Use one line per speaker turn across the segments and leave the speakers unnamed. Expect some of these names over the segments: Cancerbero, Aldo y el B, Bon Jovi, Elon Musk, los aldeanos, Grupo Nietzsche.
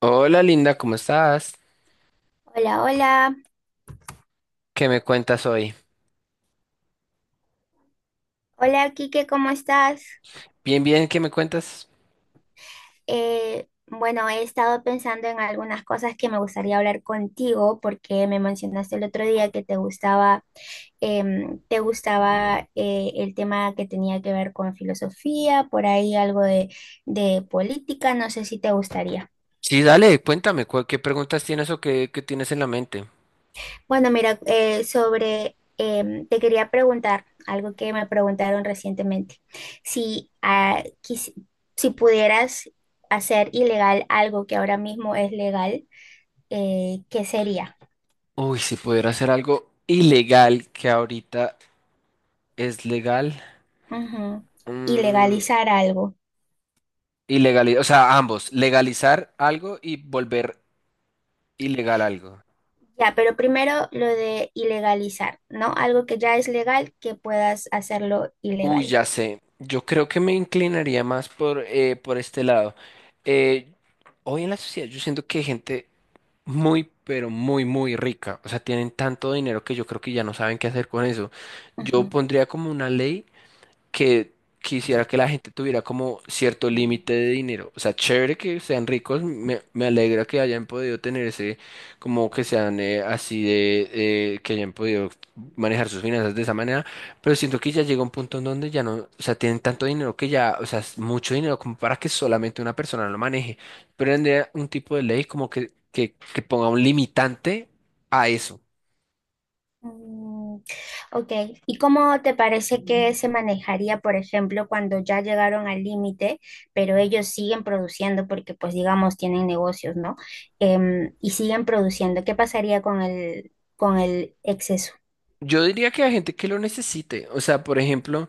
Hola linda, ¿cómo estás?
Hola, hola.
¿Qué me cuentas hoy?
Hola, Kike. ¿Cómo estás?
Bien, bien, ¿qué me cuentas?
Bueno, he estado pensando en algunas cosas que me gustaría hablar contigo porque me mencionaste el otro día que te gustaba, el tema que tenía que ver con filosofía, por ahí algo de política, no sé si te gustaría.
Sí, dale, cuéntame, cu- ¿qué preguntas tienes o qué tienes en la mente?
Bueno, mira, sobre, te quería preguntar algo que me preguntaron recientemente. Si, ah, quis- si pudieras hacer ilegal algo que ahora mismo es legal, ¿qué sería?
Uy, si pudiera hacer algo ilegal que ahorita es legal.
Ujú.
Mm,
Ilegalizar algo.
ilegali- o sea, ambos, legalizar algo y volver ilegal algo.
Ya, pero primero lo de ilegalizar, ¿no? Algo que ya es legal, que puedas hacerlo
Uy,
ilegal.
ya sé, yo creo que me inclinaría más por este lado. Eh, hoy en la sociedad yo siento que hay gente muy, pero muy, muy rica. O sea, tienen tanto dinero que yo creo que ya no saben qué hacer con eso. Yo
Ujú.
pondría como una ley que quisiera que la gente tuviera como cierto límite de dinero. O sea, chévere que sean ricos, me alegra que hayan podido tener ese, como que sean así de, que hayan podido manejar sus finanzas de esa manera, pero siento que ya llega un punto en donde ya no, o sea, tienen tanto dinero que ya, o sea, es mucho dinero como para que solamente una persona lo maneje. Pero tendría un tipo de ley como que ponga un limitante a eso.
Mm, ok, ¿y cómo te parece que se manejaría, por ejemplo, cuando ya llegaron al límite, pero ellos siguen produciendo porque, pues, digamos, tienen negocios, ¿no? Y siguen produciendo. ¿Qué pasaría con el ex...
Yo diría que hay gente que lo necesite. O sea, por ejemplo,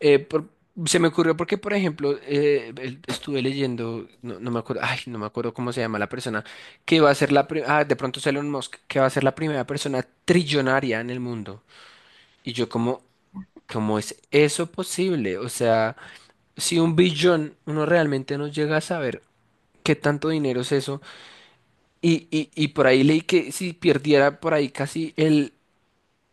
eh, por- se me ocurrió porque, por ejemplo, estuve leyendo, no, no me acuerdo, ay, no me acuerdo cómo se llama la persona, que va a ser la pri- ah, de pronto es Elon Musk, que va a ser la primera persona trillonaria en el mundo. Y yo como, ¿cómo es eso posible? O sea, si un billón uno realmente no llega a saber qué tanto dinero es eso, y por ahí leí que si perdiera por ahí casi el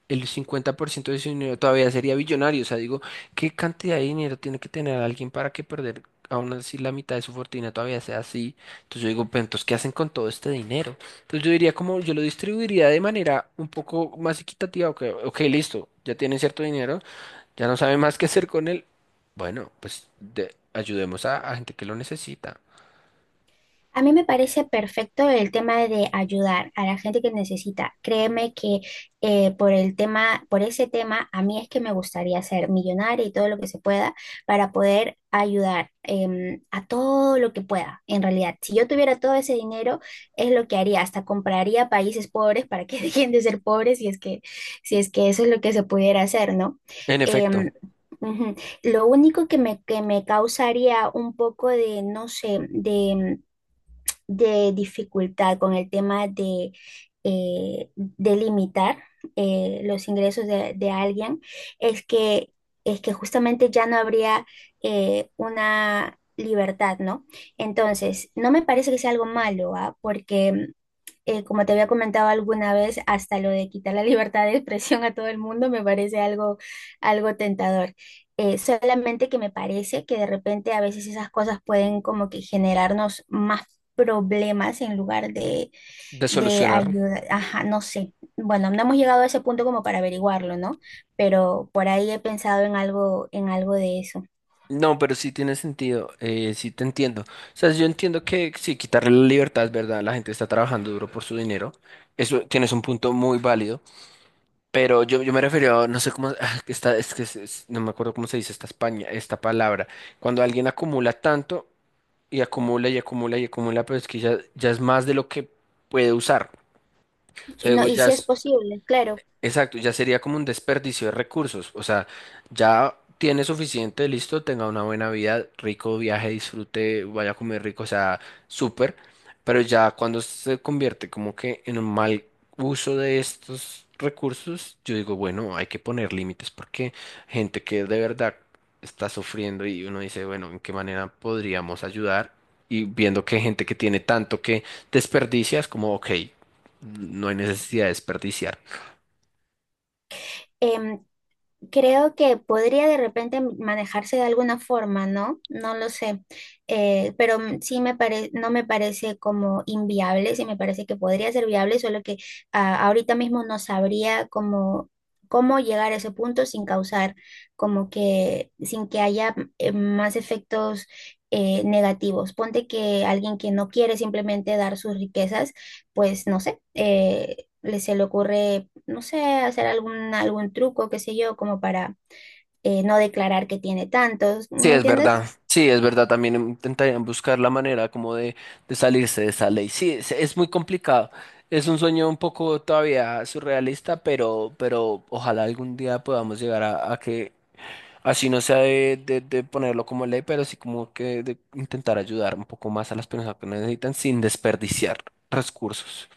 el 50% de su dinero todavía sería billonario. O sea, digo, ¿qué cantidad de dinero tiene que tener alguien para que perder aún así la mitad de su fortuna todavía sea así? Entonces yo digo, pero entonces, ¿qué hacen con todo este dinero? Entonces yo diría como yo lo distribuiría de manera un poco más equitativa. Ok, ok, listo, ya tienen cierto dinero, ya no saben más qué hacer con él. Bueno, pues de- ayudemos a gente que lo necesita.
A mí me parece perfecto el tema de ayudar a la gente que necesita. Créeme que por el tema, por ese tema, a mí es que me gustaría ser millonaria y todo lo que se pueda para poder ayudar a todo lo que pueda, en realidad. Si yo tuviera todo ese dinero, es lo que haría. Hasta compraría países pobres para que dejen de ser pobres, si es que, si es que eso es lo que se pudiera hacer, ¿no?
En efecto,
Em, Ujú. Lo único que me, causaría un poco de, no sé, de dificultad con el tema de limitar los ingresos de, alguien es que, es que justamente ya no habría una libertad, ¿no? Entonces, no me parece que sea algo malo, ¿ah? Porque como te había comentado alguna vez, hasta lo de quitar la libertad de expresión a todo el mundo me parece algo, tentador. Solamente que me parece que de repente a veces esas cosas pueden como que generarnos más problemas en lugar de,
de
de
solucionar.
ayuda. Ajá, no sé. Bueno, no hemos llegado a ese punto como para averiguarlo, ¿no? Pero por ahí he pensado en algo de eso.
No, pero sí tiene sentido, sí te entiendo. O sea, yo entiendo que sí, quitarle la libertad es verdad, la gente está trabajando duro por su dinero, eso tienes un punto muy válido, pero yo me refería, a- no sé cómo, ah, que está, es que es- no me acuerdo cómo se dice esta España, esta palabra, cuando alguien acumula tanto y acumula y acumula y acumula, pero es que ya, ya es más de lo que puede usar. O sea,
Y no,
digo,
y
ya
si es
es
posible, claro.
exacto, ya sería como un desperdicio de recursos. O sea, ya tiene suficiente, listo, tenga una buena vida, rico viaje, disfrute, vaya a comer rico, o sea, súper. Pero ya cuando se convierte como que en un mal uso de estos recursos, yo digo, bueno, hay que poner límites porque gente que de verdad está sufriendo y uno dice, bueno, ¿en qué manera podríamos ayudar? Y viendo que hay gente que tiene tanto que desperdicia, es como, ok, no hay necesidad de desperdiciar.
Em, Creo que podría de repente manejarse de alguna forma, ¿no? No lo sé. Pero sí me parece, no me parece como inviable, sí me parece que podría ser viable, solo que ahorita mismo no sabría cómo, cómo llegar a ese punto sin causar como que, sin que haya más efectos negativos. Ponte que alguien que no quiere simplemente dar sus riquezas, pues no sé, le se le ocurre no sé, hacer algún, truco, qué sé yo, como para no declarar que tiene tantos,
Sí,
¿me
es
entiendes?
verdad. Sí, es verdad. También intentarían buscar la manera como de salirse de esa ley. Sí, es muy complicado. Es un sueño un poco todavía surrealista, pero ojalá algún día podamos llegar a que así no sea de, de ponerlo como ley, pero sí como que de intentar ayudar un poco más a las personas que necesitan sin desperdiciar recursos.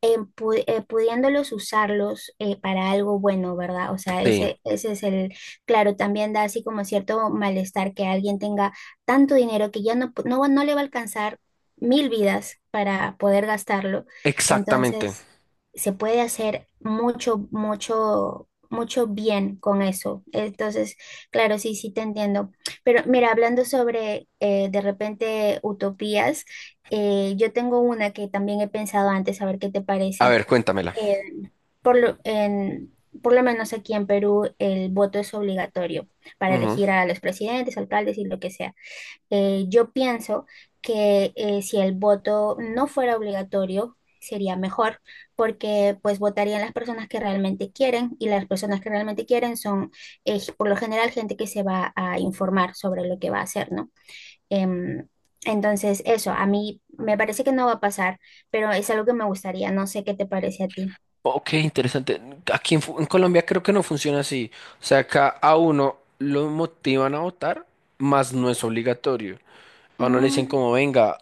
Pudiéndolos usarlos para algo bueno, ¿verdad? O sea,
Sí,
ese es el, claro, también da así como cierto malestar que alguien tenga tanto dinero que ya no, no le va a alcanzar mil vidas para poder gastarlo.
exactamente.
Entonces, se puede hacer mucho, mucho, mucho bien con eso. Entonces, claro, sí, sí te entiendo. Pero mira, hablando sobre de repente utopías. Yo tengo una que también he pensado antes, a ver qué te
A
parece.
ver, cuéntamela.
Eh, por lo, en- por lo menos aquí en Perú el voto es obligatorio para elegir a los presidentes, alcaldes y lo que sea. Yo pienso que si el voto no fuera obligatorio, sería mejor, porque pues votarían las personas que realmente quieren y las personas que realmente quieren son por lo general gente que se va a informar sobre lo que va a hacer, ¿no? Em, entonces, eso, a mí me parece que no va a pasar, pero es algo que me gustaría, no sé qué te parece a ti.
Ok, interesante. Aquí en, Fu- en Colombia creo que no funciona así. O sea, acá a uno lo motivan a votar, más no es obligatorio. A uno le dicen
Mm,
como, venga,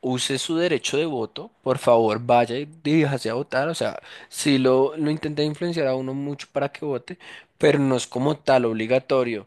use su derecho de voto, por favor, vaya y diríjase a votar. O sea, sí lo intenté influenciar a uno mucho para que vote, pero no es como tal obligatorio.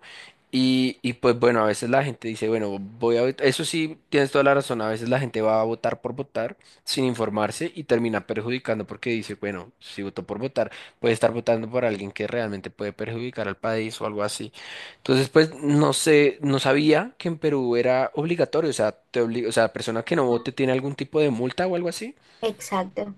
Y pues bueno, a veces la gente dice, bueno, voy a votar. Eso sí, tienes toda la razón. A veces la gente va a votar por votar sin informarse y termina perjudicando porque dice, bueno, si votó por votar, puede estar votando por alguien que realmente puede perjudicar al país o algo así. Entonces, pues, no sé, no sabía que en Perú era obligatorio, o sea, te obli- o sea, la persona que no
mm,
vote tiene algún tipo de multa o algo así.
exacto.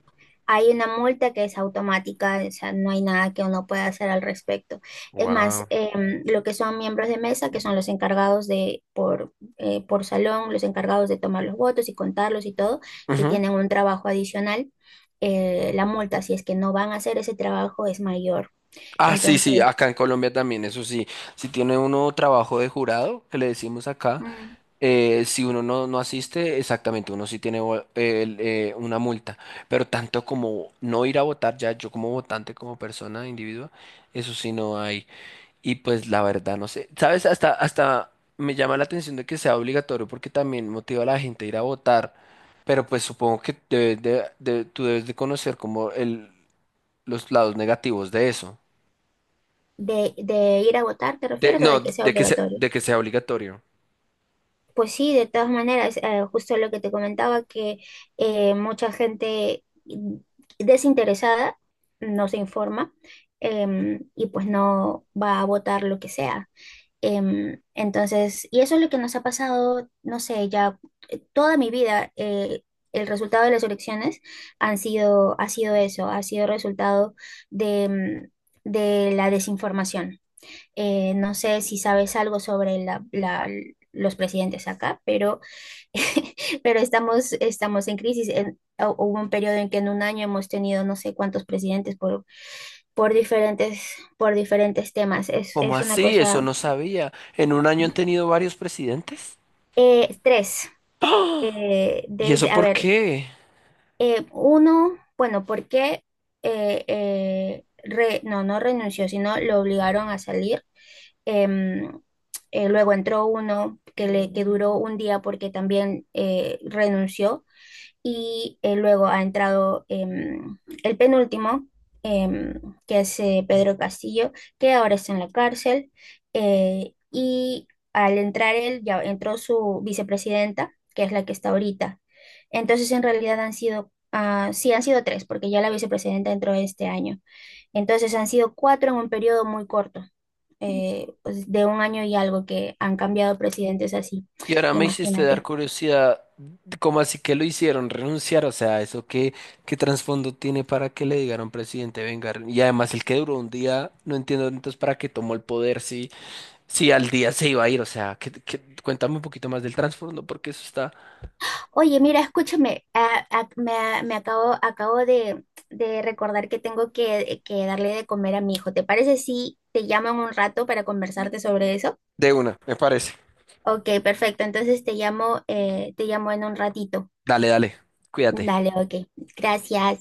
Hay una multa que es automática, o sea, no hay nada que uno pueda hacer al respecto. Es más,
Wow.
lo que son miembros de mesa, que son los encargados por salón, los encargados de tomar los votos y contarlos y todo, que
Ujú.
tienen un trabajo adicional, la multa, si es que no van a hacer ese trabajo, es mayor.
Ah, sí, sí,
Entonces.
acá en Colombia también, eso sí. Si tiene uno trabajo de jurado, que le decimos acá,
mm,
si uno no, no asiste, exactamente, uno sí tiene vo- una multa. Pero tanto como no ir a votar ya, yo como votante, como persona, individuo, eso sí no hay. Y pues la verdad, no sé. ¿Sabes? Hasta, hasta me llama la atención de que sea obligatorio porque también motiva a la gente a ir a votar. Pero pues supongo que debes tú debes de conocer como el, los lados negativos de eso.
de ir a votar, ¿te
De,
refieres? ¿O
no,
de que sea obligatorio?
de que sea obligatorio.
Pues sí, de todas maneras, justo lo que te comentaba, que mucha gente desinteresada no se informa y pues no va a votar lo que sea. Entonces, y eso es lo que nos ha pasado, no sé, ya toda mi vida, el resultado de las elecciones han sido, ha sido eso, ha sido resultado de, em, de la desinformación. No sé si sabes algo sobre los presidentes acá, pero, pero estamos en crisis. Hubo un periodo en que en un año hemos tenido no sé cuántos presidentes por diferentes temas. Es,
¿Cómo
es una
así? Eso
cosa...
no sabía. ¿En un año han tenido varios presidentes?
Tres.
¿Y
Desde,
eso
a
por
ver,
qué?
uno, bueno, ¿por qué? No, no renunció, sino lo obligaron a salir. Em, Luego entró uno que duró un día porque también renunció. Y luego ha entrado el penúltimo, em, que es Pedro Castillo, que ahora está en la cárcel. Y al entrar él, ya entró su vicepresidenta, que es la que está ahorita. Entonces, en realidad sí, han sido tres, porque ya la vicepresidenta entró este año. Entonces han sido cuatro en un periodo muy corto, pues, de un año y algo que han cambiado presidentes así,
Y ahora me hiciste dar
imagínate.
curiosidad, ¿cómo así que lo hicieron renunciar? O sea, ¿eso qué, qué trasfondo tiene para que le digan a un presidente venga? Re- Y además el que duró un día, no entiendo entonces para qué tomó el poder si, si al día se iba a ir. O sea, que, cuéntame un poquito más del trasfondo porque eso está
Oye, mira, escúchame, me acabo de, recordar que tengo que darle de comer a mi hijo. ¿Te parece si te llamo en un rato para conversarte sobre eso?
de una, me parece.
Ok, perfecto, entonces te llamo en un ratito.
Dale, dale, cuídate.
Dale, ok, gracias.